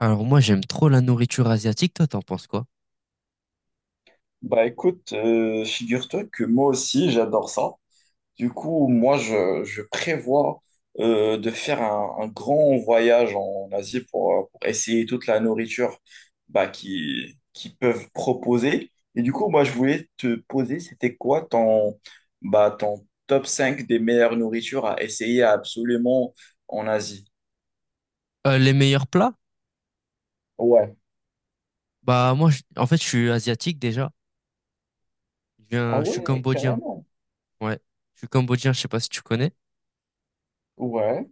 Alors moi j'aime trop la nourriture asiatique, toi t'en penses quoi? Bah écoute, figure-toi que moi aussi j'adore ça. Du coup, moi je prévois de faire un grand voyage en Asie pour essayer toute la nourriture bah, qu'ils peuvent proposer. Et du coup, moi je voulais te poser, c'était quoi ton top 5 des meilleures nourritures à essayer absolument en Asie? Les meilleurs plats? Ouais. Bah moi en fait je suis asiatique déjà. Je Ah viens, je suis ouais, cambodgien. carrément. Ouais, je suis cambodgien, je sais pas si tu connais. Ouais.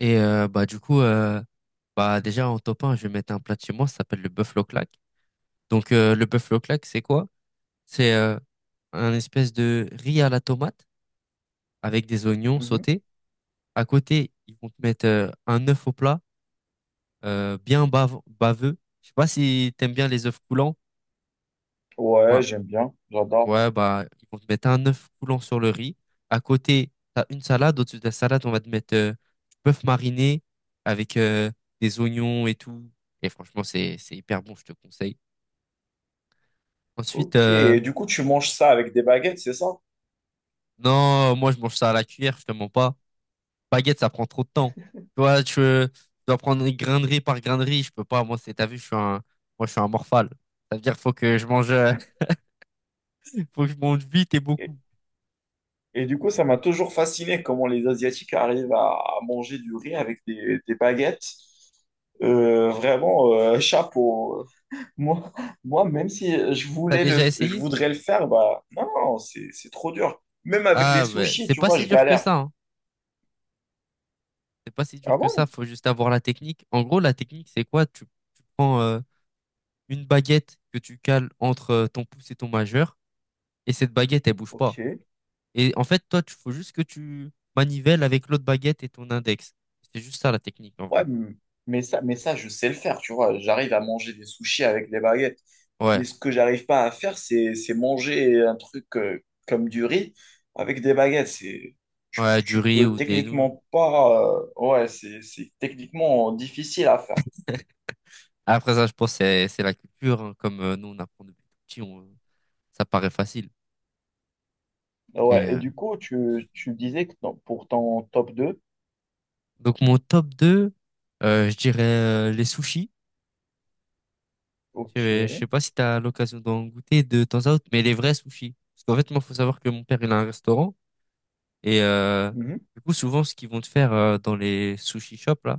Et bah du coup bah déjà en top 1, je vais mettre un plat de chez moi, ça s'appelle le buffalo claque. Donc le buffalo claque, c'est quoi? C'est un espèce de riz à la tomate avec des oignons Mhm. sautés. À côté, ils vont te mettre un œuf au plat, bien baveux. Je sais pas si t'aimes bien les œufs coulants. Ouais, j'aime bien, j'adore. Ouais, bah, ils vont te mettre un œuf coulant sur le riz. À côté, t'as une salade. Au-dessus de la salade, on va te mettre du bœuf mariné avec des oignons et tout. Et franchement, c'est hyper bon, je te conseille. Ensuite, Ok, et du coup, tu manges ça avec des baguettes, c'est ça? non, moi, je mange ça à la cuillère, je te mens pas. Baguette, ça prend trop de temps. Toi, tu dois prendre grain de riz par grain de riz. Je peux pas. Moi, c'est, t'as vu, je suis un morphale. Ça veut dire, faut que je mange, faut que je mange vite et Et, beaucoup. et du coup, ça m'a toujours fasciné comment les Asiatiques arrivent à manger du riz avec des baguettes. Vraiment, chapeau. Moi, moi, même si je T'as voulais déjà je essayé? voudrais le faire, bah non, non, c'est trop dur. Même avec les Ah, bah, sushis, c'est tu pas vois, si je dur que galère. ça, hein. C'est pas si dur Ah que ça, bon? faut juste avoir la technique. En gros, la technique, c'est quoi? Tu prends une baguette que tu cales entre ton pouce et ton majeur, et cette baguette, elle bouge pas. Ok. Et en fait, toi, tu faut juste que tu manivelles avec l'autre baguette et ton index. C'est juste ça la technique en Ouais, vrai. Mais ça, je sais le faire, tu vois. J'arrive à manger des sushis avec des baguettes. Ouais, Mais ce que j'arrive pas à faire, c'est manger un truc comme du riz avec des baguettes. C'est, tu, ouais, peux- du tu riz peux ou des nouilles. techniquement pas. Ouais, c'est techniquement difficile à faire. Après ça, je pense que c'est la culture, hein. Comme nous, on apprend depuis tout petit, ça paraît facile. Mais Ouais, et du coup, tu disais que pour ton top deux. donc mon top 2, je dirais les sushis. Ok. Je sais pas si tu as l'occasion d'en goûter de temps à autre, mais les vrais sushis. Parce qu'en fait, moi, faut savoir que mon père, il a un restaurant. Et Mhm. du coup, souvent, ce qu'ils vont te faire dans les sushi shops, là,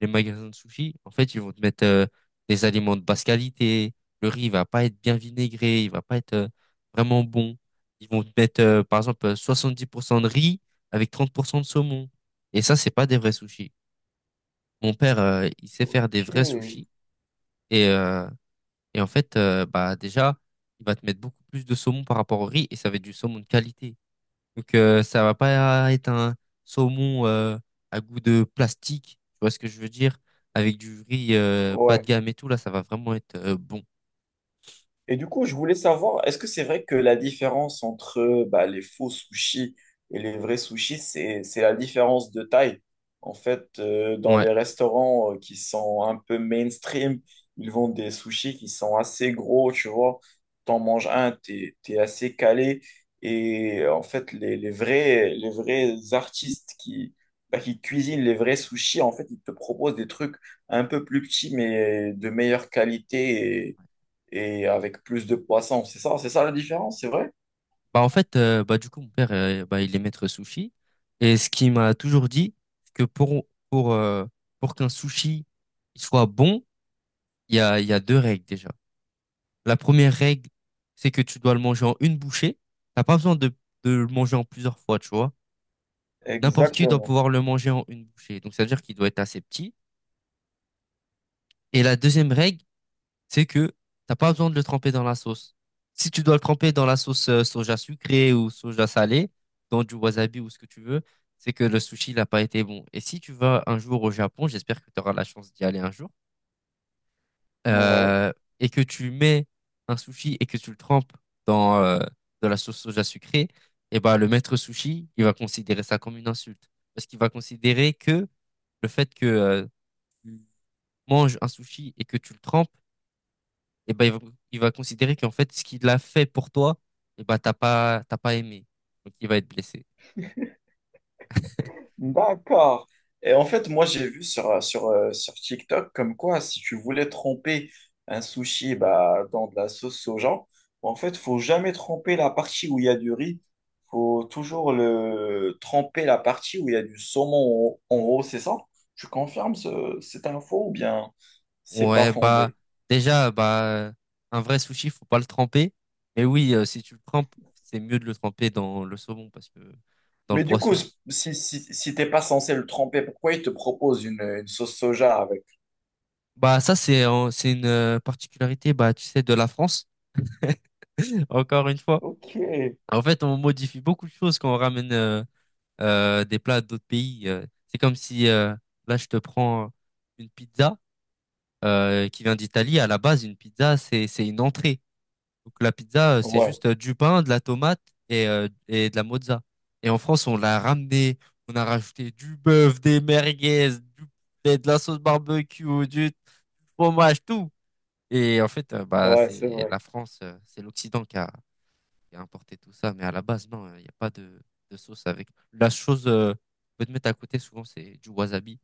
les magasins de sushi, en fait, ils vont te mettre des aliments de basse qualité. Le riz, il va pas être bien vinaigré, il va pas être vraiment bon. Ils vont te mettre, par exemple, 70% de riz avec 30% de saumon. Et ça, c'est pas des vrais sushis. Mon père, il sait faire des Ok. vrais sushis. Et euh, et en fait, bah déjà, il va te mettre beaucoup plus de saumon par rapport au riz et ça va être du saumon de qualité. Donc ça va pas être un saumon à goût de plastique, tu vois ce que je veux dire? Avec du riz bas de Ouais. gamme et tout, là, ça va vraiment être bon. Et du coup, je voulais savoir, est-ce que c'est vrai que la différence entre bah, les faux sushis et les vrais sushis, c'est la différence de taille? En fait, dans Ouais. les restaurants qui sont un peu mainstream, ils vendent des sushis qui sont assez gros, tu vois. T'en manges un, t'es assez calé. Et en fait, les vrais artistes qui cuisinent les vrais sushis, en fait, ils te proposent des trucs un peu plus petits, mais de meilleure qualité et avec plus de poissons. C'est ça, la différence, c'est vrai? Bah en fait, bah du coup, mon père, bah, il est maître sushi. Et ce qu'il m'a toujours dit, c'est que pour qu'un sushi il soit bon, il y a deux règles déjà. La première règle, c'est que tu dois le manger en une bouchée. T'as pas besoin de le manger en plusieurs fois, tu vois. N'importe qui doit Exactement. pouvoir le manger en une bouchée. Donc, ça veut dire qu'il doit être assez petit. Et la deuxième règle, c'est que t'as pas besoin de le tremper dans la sauce. Si tu dois le tremper dans la sauce soja sucrée ou soja salée, dans du wasabi ou ce que tu veux, c'est que le sushi n'a pas été bon. Et si tu vas un jour au Japon, j'espère que tu auras la chance d'y aller un jour, Ouais. euh, et que tu mets un sushi et que tu le trempes dans de la sauce soja sucrée, et ben le maître sushi, il va considérer ça comme une insulte. Parce qu'il va considérer que le fait que tu manges un sushi et que tu le trempes, et ben il va considérer qu'en fait, ce qu'il a fait pour toi, et ben t'as pas aimé. Donc il va être blessé. D'accord. Et en fait, moi, j'ai vu sur TikTok comme quoi, si tu voulais tremper un sushi bah, dans de la sauce soja, en fait, faut jamais tremper la partie où il y a du riz. Faut toujours le tremper la partie où il y a du saumon en haut, c'est ça? Tu confirmes cette info ou bien... C'est pas Ouais, bah fondé. déjà, bah un vrai sushi, faut pas le tremper. Mais oui, si tu le trempes, c'est mieux de le tremper dans le saumon parce que dans le Mais du coup, poisson. Si, si t'es pas censé le tremper, pourquoi il te propose une sauce soja avec? Bah ça, c'est une particularité, bah tu sais, de la France encore une fois. Ok. En fait on modifie beaucoup de choses quand on ramène des plats d'autres pays. C'est comme si là je te prends une pizza qui vient d'Italie. À la base une pizza c'est une entrée. Donc la pizza, c'est Ouais, juste du pain, de la tomate et de la mozza. Et en France on l'a ramené, on a rajouté du bœuf, des merguez, du poulet, de la sauce barbecue, du fromage, tout. Et en fait, bah, ouais, c'est c'est vrai. la France, c'est l'Occident qui a importé tout ça. Mais à la base, non, il n'y a pas de sauce avec. La chose, qu'on peut te mettre à côté, souvent, c'est du wasabi.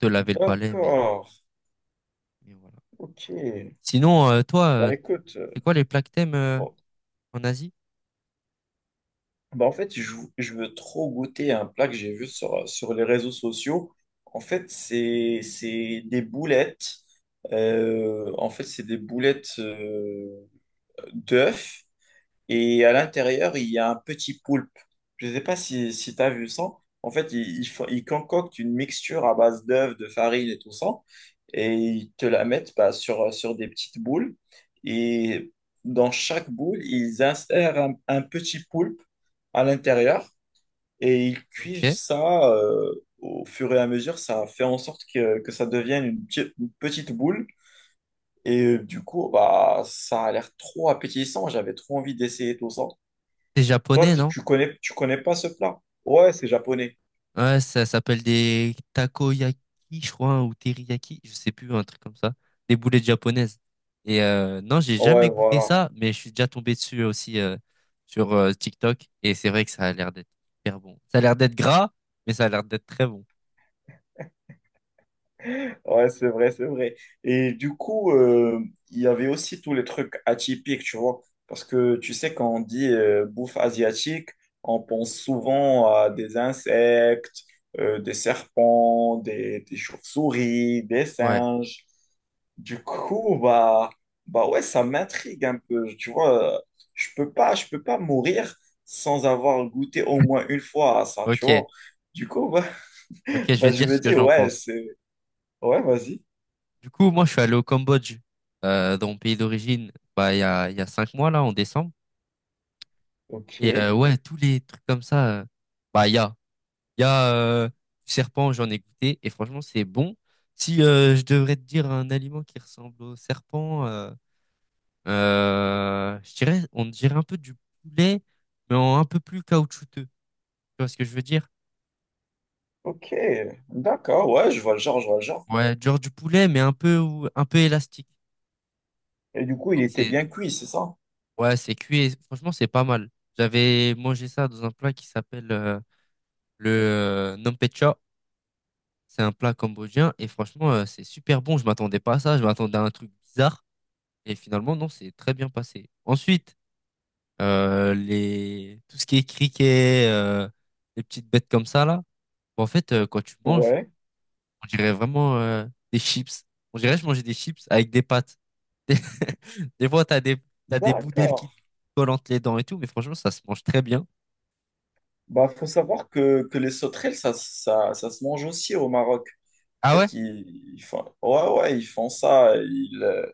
Te laver le palais, mais, D'accord. mais voilà. Ok. Sinon, toi, Bah écoute, c'est quoi les plats que t'aimes bon. en Asie? Bah en fait, je veux trop goûter un plat que j'ai vu sur les réseaux sociaux. En fait, c'est des boulettes. En fait, c'est des boulettes d'œufs. Et à l'intérieur, il y a un petit poulpe. Je ne sais pas si tu as vu ça. En fait, ils concoctent une mixture à base d'œufs, de farine et tout ça. Et ils te la mettent bah, sur des petites boules. Et dans chaque boule, ils insèrent un petit poulpe à l'intérieur. Et ils cuisent Ok. ça au fur et à mesure. Ça fait en sorte que ça devienne une petite boule. Et du coup, bah, ça a l'air trop appétissant. J'avais trop envie d'essayer tout ça. T'es Toi, japonais, tu non? tu connais, tu connais pas ce plat? Ouais, c'est japonais. Ouais, ça s'appelle des takoyaki, je crois, hein, ou teriyaki, je sais plus, un truc comme ça. Des boulettes japonaises. Et non, j'ai Ouais, jamais goûté voilà. ça, mais je suis déjà tombé dessus aussi sur TikTok. Et c'est vrai que ça a l'air d'être hyper bon. Ça a l'air d'être gras, mais ça a l'air d'être très bon. Ouais, c'est vrai, c'est vrai. Et du coup, il y avait aussi tous les trucs atypiques, tu vois. Parce que tu sais, quand on dit bouffe asiatique, on pense souvent à des insectes, des serpents, des chauves-souris, des Ouais, singes. Du coup, bah, ouais, ça m'intrigue un peu. Tu vois, je peux pas mourir sans avoir goûté au moins une fois à ça, tu vois. ok, Du coup, bah, ok, je bah, vais je dire me ce que dis, j'en ouais, pense. c'est... Ouais, vas-y. Du coup, moi, je suis allé au Cambodge, dans mon pays d'origine, bah, il y a 5 mois, là, en décembre. Ok, Et ouais, tous les trucs comme ça, bah, il y a. Il y a du serpent, j'en ai goûté et franchement, c'est bon. Si je devrais te dire un aliment qui ressemble au serpent, je dirais, on dirait un peu du poulet, mais en un peu plus caoutchouteux. Tu vois ce que je veux dire? ok. D'accord, ouais, je vois le genre, je vois le genre. Ouais, genre du poulet, mais un peu un peu élastique. Et du coup, il Donc était c'est bien cuit, c'est ça? Ouais, c'est cuit et franchement, c'est pas mal. J'avais mangé ça dans un plat qui s'appelle le Nampecha. C'est un plat cambodgien et franchement, c'est super bon. Je m'attendais pas à ça. Je m'attendais à un truc bizarre. Et finalement, non, c'est très bien passé. Ensuite, tout ce qui est criquet, les petites bêtes comme ça, là, bon, en fait, quand tu manges, Ouais. on dirait vraiment des chips. On dirait que je mangeais des chips avec des pâtes. Des, des fois, t'as des bouts d'aile D'accord. qui te collent entre les dents et tout, mais franchement, ça se mange très bien. Bah, faut savoir que les sauterelles, ça se mange aussi au Maroc. En Ah ouais? fait, ils font, ouais, ouais, ils font ça.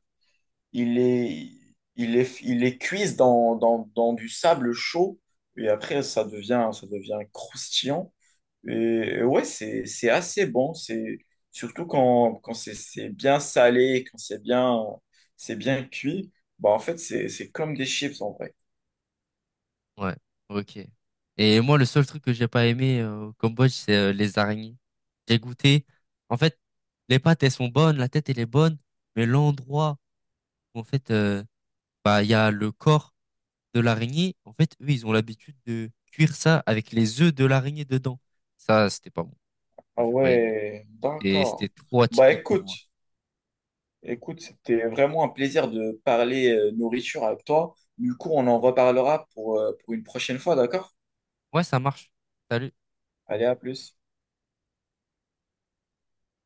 ils les, ils les cuisent dans du sable chaud. Et après, ça devient croustillant. Et, et ouais, c'est assez bon. Surtout quand c'est bien salé, quand c'est bien cuit. Bah, en fait, c'est comme des chips en vrai. Ouais, ok. Et moi, le seul truc que j'ai pas aimé au Cambodge, c'est les araignées. J'ai goûté. En fait, les pâtes, elles sont bonnes, la tête, elle est bonne, mais l'endroit où, en fait, bah, il y a le corps de l'araignée. En fait, eux, ils ont l'habitude de cuire ça avec les œufs de l'araignée dedans. Ça, c'était pas bon. Ah Moi, j'ai pas aimé. ouais, Et c'était d'accord. trop Bah atypique pour écoute. moi. Écoute, c'était vraiment un plaisir de parler nourriture avec toi. Du coup, on en reparlera pour une prochaine fois, d'accord? Ouais, ça marche. Salut. Allez, à plus.